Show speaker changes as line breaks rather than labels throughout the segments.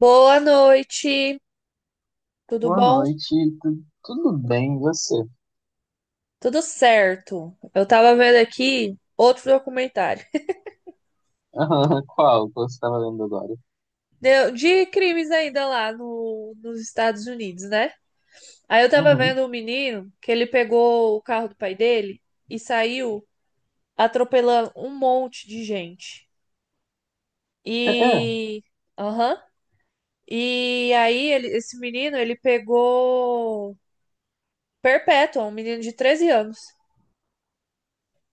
Boa noite, tudo
Boa
bom?
noite, tudo bem, e você?
Tudo certo. Eu tava vendo aqui outro documentário
Qual que você estava lendo agora?
de crimes ainda lá nos Estados Unidos, né? Aí eu tava
Uhum.
vendo um menino que ele pegou o carro do pai dele e saiu atropelando um monte de gente.
É, é,
E, aham. E aí esse menino ele pegou perpétua, um menino de 13 anos.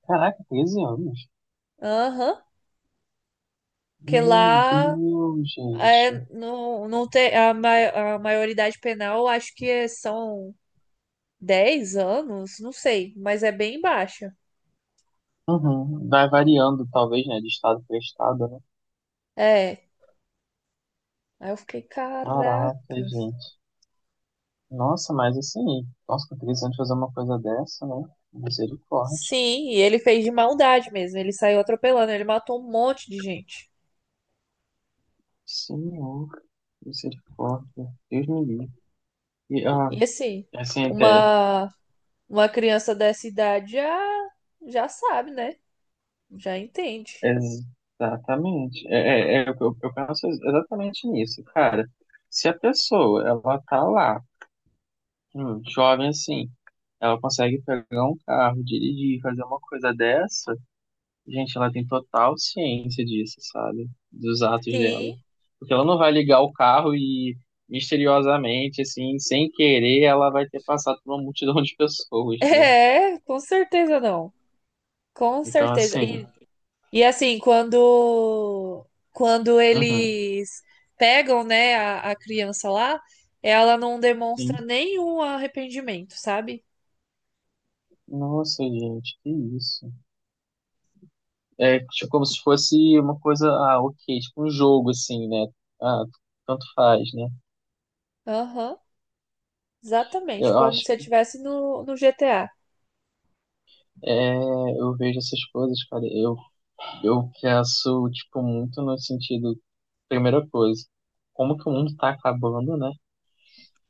caraca, 13 anos.
Aham. Que
Meu
lá,
Deus,
é,
gente.
não tem a maioridade penal, acho que são 10 anos, não sei, mas é bem baixa.
Uhum. Vai variando, talvez, né, de estado para estado, né?
É. Aí eu fiquei,
Caraca,
caracas.
gente. Nossa, mas assim, nossa, com 13 anos fazer uma coisa dessa, né? Misericórdia.
Sim, e ele fez de maldade mesmo. Ele saiu atropelando, ele matou um monte de gente.
Senhor, misericórdia. Deus me livre. E, ah,
E assim,
assim, até
uma, uma criança dessa idade já, já sabe, né? Já entende.
exatamente. Eu penso exatamente nisso, cara. Se a pessoa, ela tá lá, jovem assim, ela consegue pegar um carro, dirigir, fazer uma coisa dessa, gente, ela tem total ciência disso, sabe? Dos atos dela.
Sim,
Porque ela não vai ligar o carro e, misteriosamente, assim, sem querer, ela vai ter passado por uma multidão de pessoas, né?
é, com certeza não. Com
Então,
certeza.
assim,
E assim, quando
uhum,
eles pegam, né, a criança lá, ela não
sim.
demonstra nenhum arrependimento, sabe?
Nossa, gente, que isso. É tipo, como se fosse uma coisa, ah, ok, tipo um jogo, assim, né? Ah, tanto faz, né?
Aham, exatamente,
Eu
como
acho
se eu
que
tivesse no GTA.
é, eu vejo essas coisas, cara, eu penso, tipo, muito no sentido, primeira coisa, como que o mundo tá acabando, né?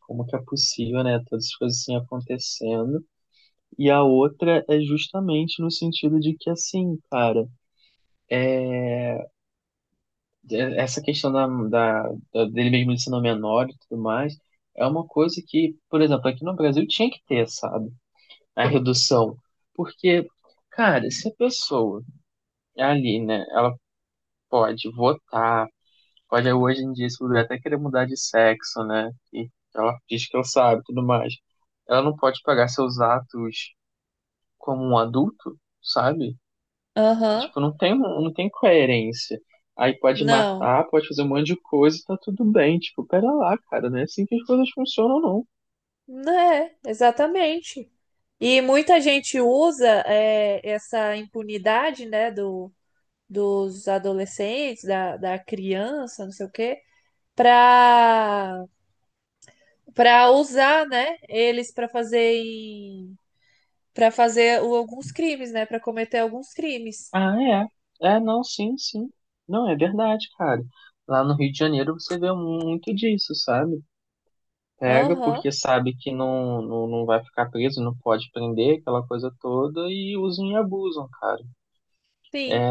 Como que é possível, né? Todas as coisas assim acontecendo. E a outra é justamente no sentido de que, assim, cara. Essa questão da dele mesmo, ele sendo menor e tudo mais, é uma coisa que, por exemplo, aqui no Brasil tinha que ter, sabe? A redução. Porque, cara, se a pessoa é ali, né, ela pode votar, pode hoje em dia, se puder, até querer mudar de sexo, né? E ela diz que ela sabe e tudo mais. Ela não pode pagar seus atos como um adulto, sabe?
Aham,
Tipo, não tem coerência. Aí pode
não,
matar, pode fazer um monte de coisa e tá tudo bem. Tipo, pera lá, cara, não é assim que as coisas funcionam, não.
né, exatamente. E muita gente usa é, essa impunidade, né, dos adolescentes, da criança, não sei o quê, para para usar, né, eles para fazer para fazer alguns crimes, né, para cometer alguns crimes.
Ah, é. É, não, sim, sim. Não, é verdade, cara. Lá no Rio de Janeiro você vê muito disso, sabe? Pega
Aham.
porque sabe que não vai ficar preso, não pode prender, aquela coisa toda, e usam e abusam, cara. É,
Sim,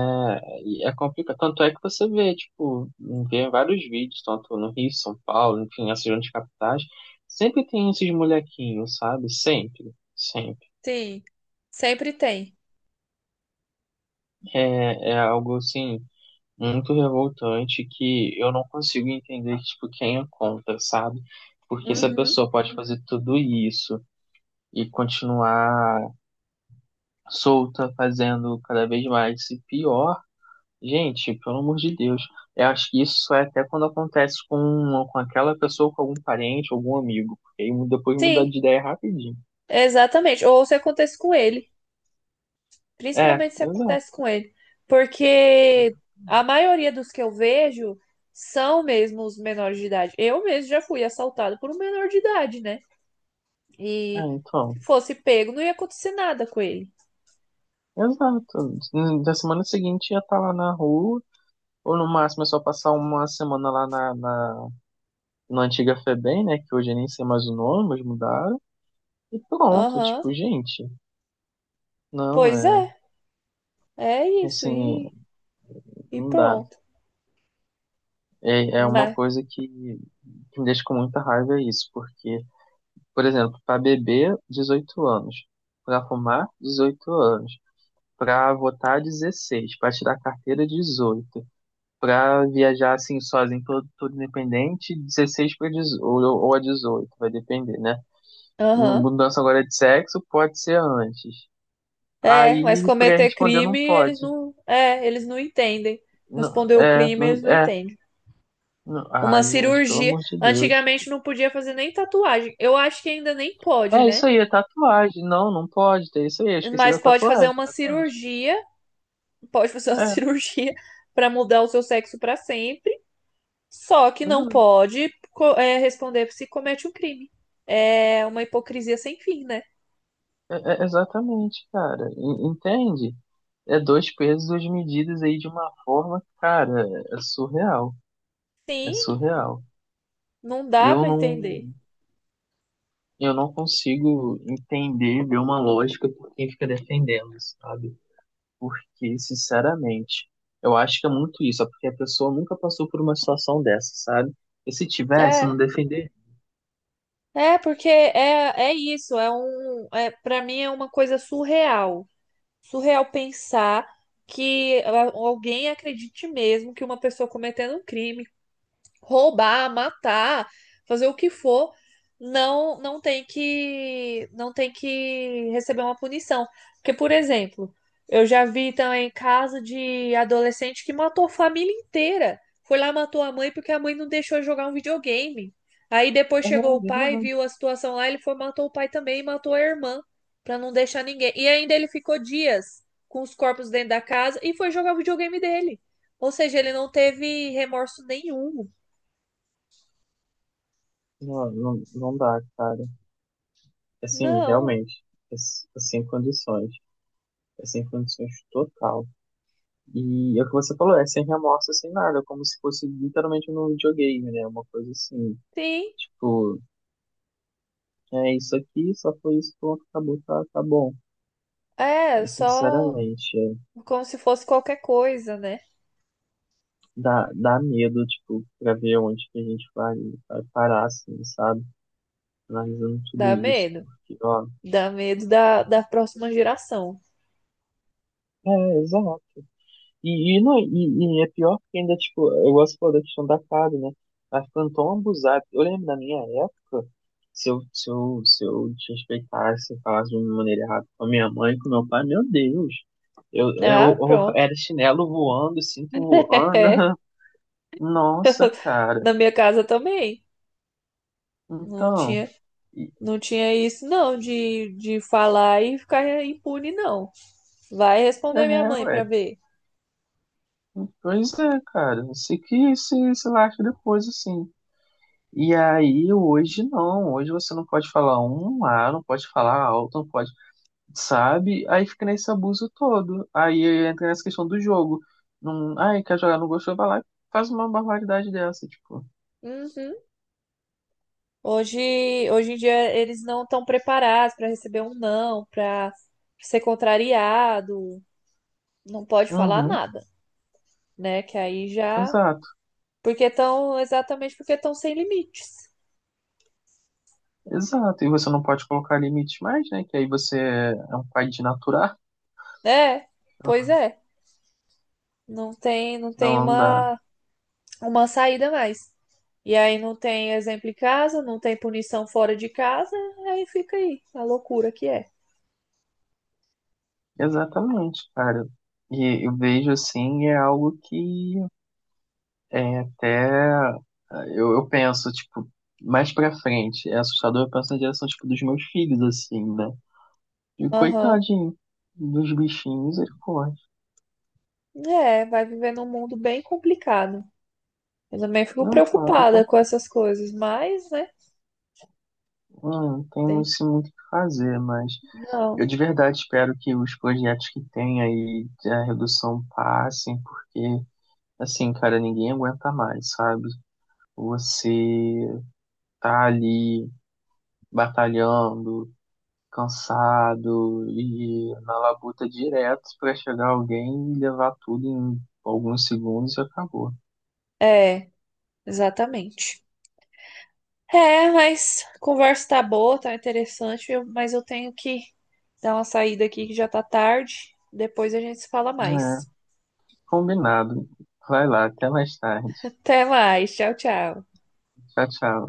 e é complicado. Tanto é que você vê, tipo, vê vários vídeos, tanto no Rio, São Paulo, enfim, essas grandes capitais, sempre tem esses molequinhos, sabe? Sempre, sempre.
sim. Sempre tem.
É, é algo, assim, muito revoltante que eu não consigo entender, tipo, quem é contra, sabe? Porque se a
Uhum.
pessoa pode fazer tudo isso e continuar solta, fazendo cada vez mais, e pior. Gente, pelo amor de Deus, eu acho que isso é até quando acontece com aquela pessoa, com algum parente, algum amigo, porque aí depois muda
Sim,
de ideia rapidinho.
exatamente. Ou se acontece com ele,
É,
principalmente se acontece
exato.
com ele, porque a maioria dos que eu vejo são mesmo os menores de idade. Eu mesmo já fui assaltado por um menor de idade, né?
É,
E
então,
se fosse pego, não ia acontecer nada com ele.
exato. Na semana seguinte ia estar lá na rua, ou no máximo é só passar uma semana lá na antiga Febem, né, que hoje eu nem sei mais o nome, mas mudaram, e pronto,
Aham.
tipo, gente, não,
Pois
é,
é. É isso,
assim,
e
não dá.
pronto.
É, é uma
Mas,
coisa que me deixa com muita raiva é isso, porque por exemplo, para beber, 18 anos. Para fumar, 18 anos. Para votar, 16. Para tirar carteira, 18. Para viajar assim sozinho, todo, independente, 16 para 18, ou a 18, vai depender, né?
aham.
Mudança agora de sexo pode ser antes.
É, mas
Aí, para
cometer
responder, não
crime,
pode.
eles não entendem.
Não,
Responder o
é,
crime,
não,
eles não
é.
entendem. Uma
Ah, gente, pelo
cirurgia,
amor de Deus.
antigamente não podia fazer nem tatuagem. Eu acho que ainda nem pode,
É
né?
isso aí, é tatuagem. Não, não pode ter isso aí. Eu esqueci
Mas
da
pode fazer
tatuagem.
uma
Tatuagem.
cirurgia, pode fazer uma
É,
cirurgia para mudar o seu sexo para sempre, só que não
exato.
pode, responder se comete um crime. É uma hipocrisia sem fim, né?
Exatamente, cara. Entende? É dois pesos, duas medidas aí de uma forma, cara, é surreal. É
Sim,
surreal.
não dá
Eu
para entender.
não, eu não consigo entender, ver uma lógica por quem fica defendendo, sabe? Porque, sinceramente, eu acho que é muito isso. É porque a pessoa nunca passou por uma situação dessa, sabe? E se tivesse, não
É.
defender.
É, porque é isso, para mim é uma coisa surreal. Surreal pensar que alguém acredite mesmo que uma pessoa cometendo um crime roubar, matar, fazer o que for, não tem que receber uma punição. Porque, por exemplo, eu já vi também caso de adolescente que matou a família inteira. Foi lá matou a mãe porque a mãe não deixou ele jogar um videogame. Aí depois
É,
chegou
é
o pai, viu a
verdade.
situação lá, ele foi matou o pai também e matou a irmã para não deixar ninguém. E ainda ele ficou dias com os corpos dentro da casa e foi jogar o videogame dele. Ou seja, ele não teve remorso nenhum.
Não dá, cara. Assim,
Não,
realmente, é sem condições. É sem condições total. E é o que você falou, é sem remorso, sem nada, como se fosse literalmente um videogame, né? Uma coisa assim,
sim.
tipo, é isso aqui, só foi isso, pronto, acabou, tá, tá bom.
É,
É,
só
sinceramente, é,
como se fosse qualquer coisa, né?
dá medo, tipo, pra ver onde que a gente vai, vai parar, assim, sabe? Analisando tudo
Dá
isso,
medo.
porque, ó,
Dá medo da próxima geração.
é, exato. Não, e é pior porque ainda, tipo, eu gosto pô, da questão da casa, né? Mas ficando tão abusado. Eu lembro da minha época, se eu desrespeitasse, se falasse de uma maneira errada com a minha mãe, com meu pai, meu Deus.
Ah,
Eu
pronto.
era chinelo voando, cinto voando.
É,
Nossa, cara.
na minha casa também. Não
Então,
tinha,
e-
não tinha isso, não, de falar e ficar impune, não. Vai responder minha
é,
mãe
ué.
pra ver.
Pois é, cara. Eu sei que se lasca depois, assim. E aí, hoje não, hoje você não pode falar um A, não pode falar alto, não pode, sabe? Aí fica nesse abuso todo. Aí entra nessa questão do jogo. Não, ai, quer jogar, não gostou, vai lá e faz uma barbaridade dessa, tipo.
Uhum. Hoje em dia eles não estão preparados pra receber um não, pra ser contrariado. Não pode falar
Uhum,
nada, né? Que aí já
exato,
Exatamente porque estão sem limites.
exato. E você não pode colocar limites mais, né? Que aí você é um pai de natural.
É, pois é. Não tem
Não dá.
uma saída mais. E aí não tem exemplo em casa, não tem punição fora de casa, aí fica aí, a loucura que é.
Exatamente, cara. E eu vejo assim, é algo que é até. Eu penso, tipo, mais pra frente. É assustador, eu penso na direção, tipo, dos meus filhos, assim, né? E
Aham.
coitadinho dos bichinhos, ele pode.
É, vai viver num mundo bem complicado. Eu também fico
Não, claro,
preocupada com essas coisas, mas, né,
não tenho
tem.
isso muito o que fazer, mas eu
Não.
de verdade espero que os projetos que tem aí a redução passem, porque, assim, cara, ninguém aguenta mais, sabe? Você tá ali batalhando. Cansado e na labuta direto pra chegar alguém e levar tudo em alguns segundos e acabou.
É, exatamente. É, mas a conversa tá boa, tá interessante, mas eu tenho que dar uma saída aqui que já tá tarde. Depois a gente se fala
É,
mais.
combinado. Vai lá, até mais tarde.
Até mais, tchau, tchau.
Tchau, tchau.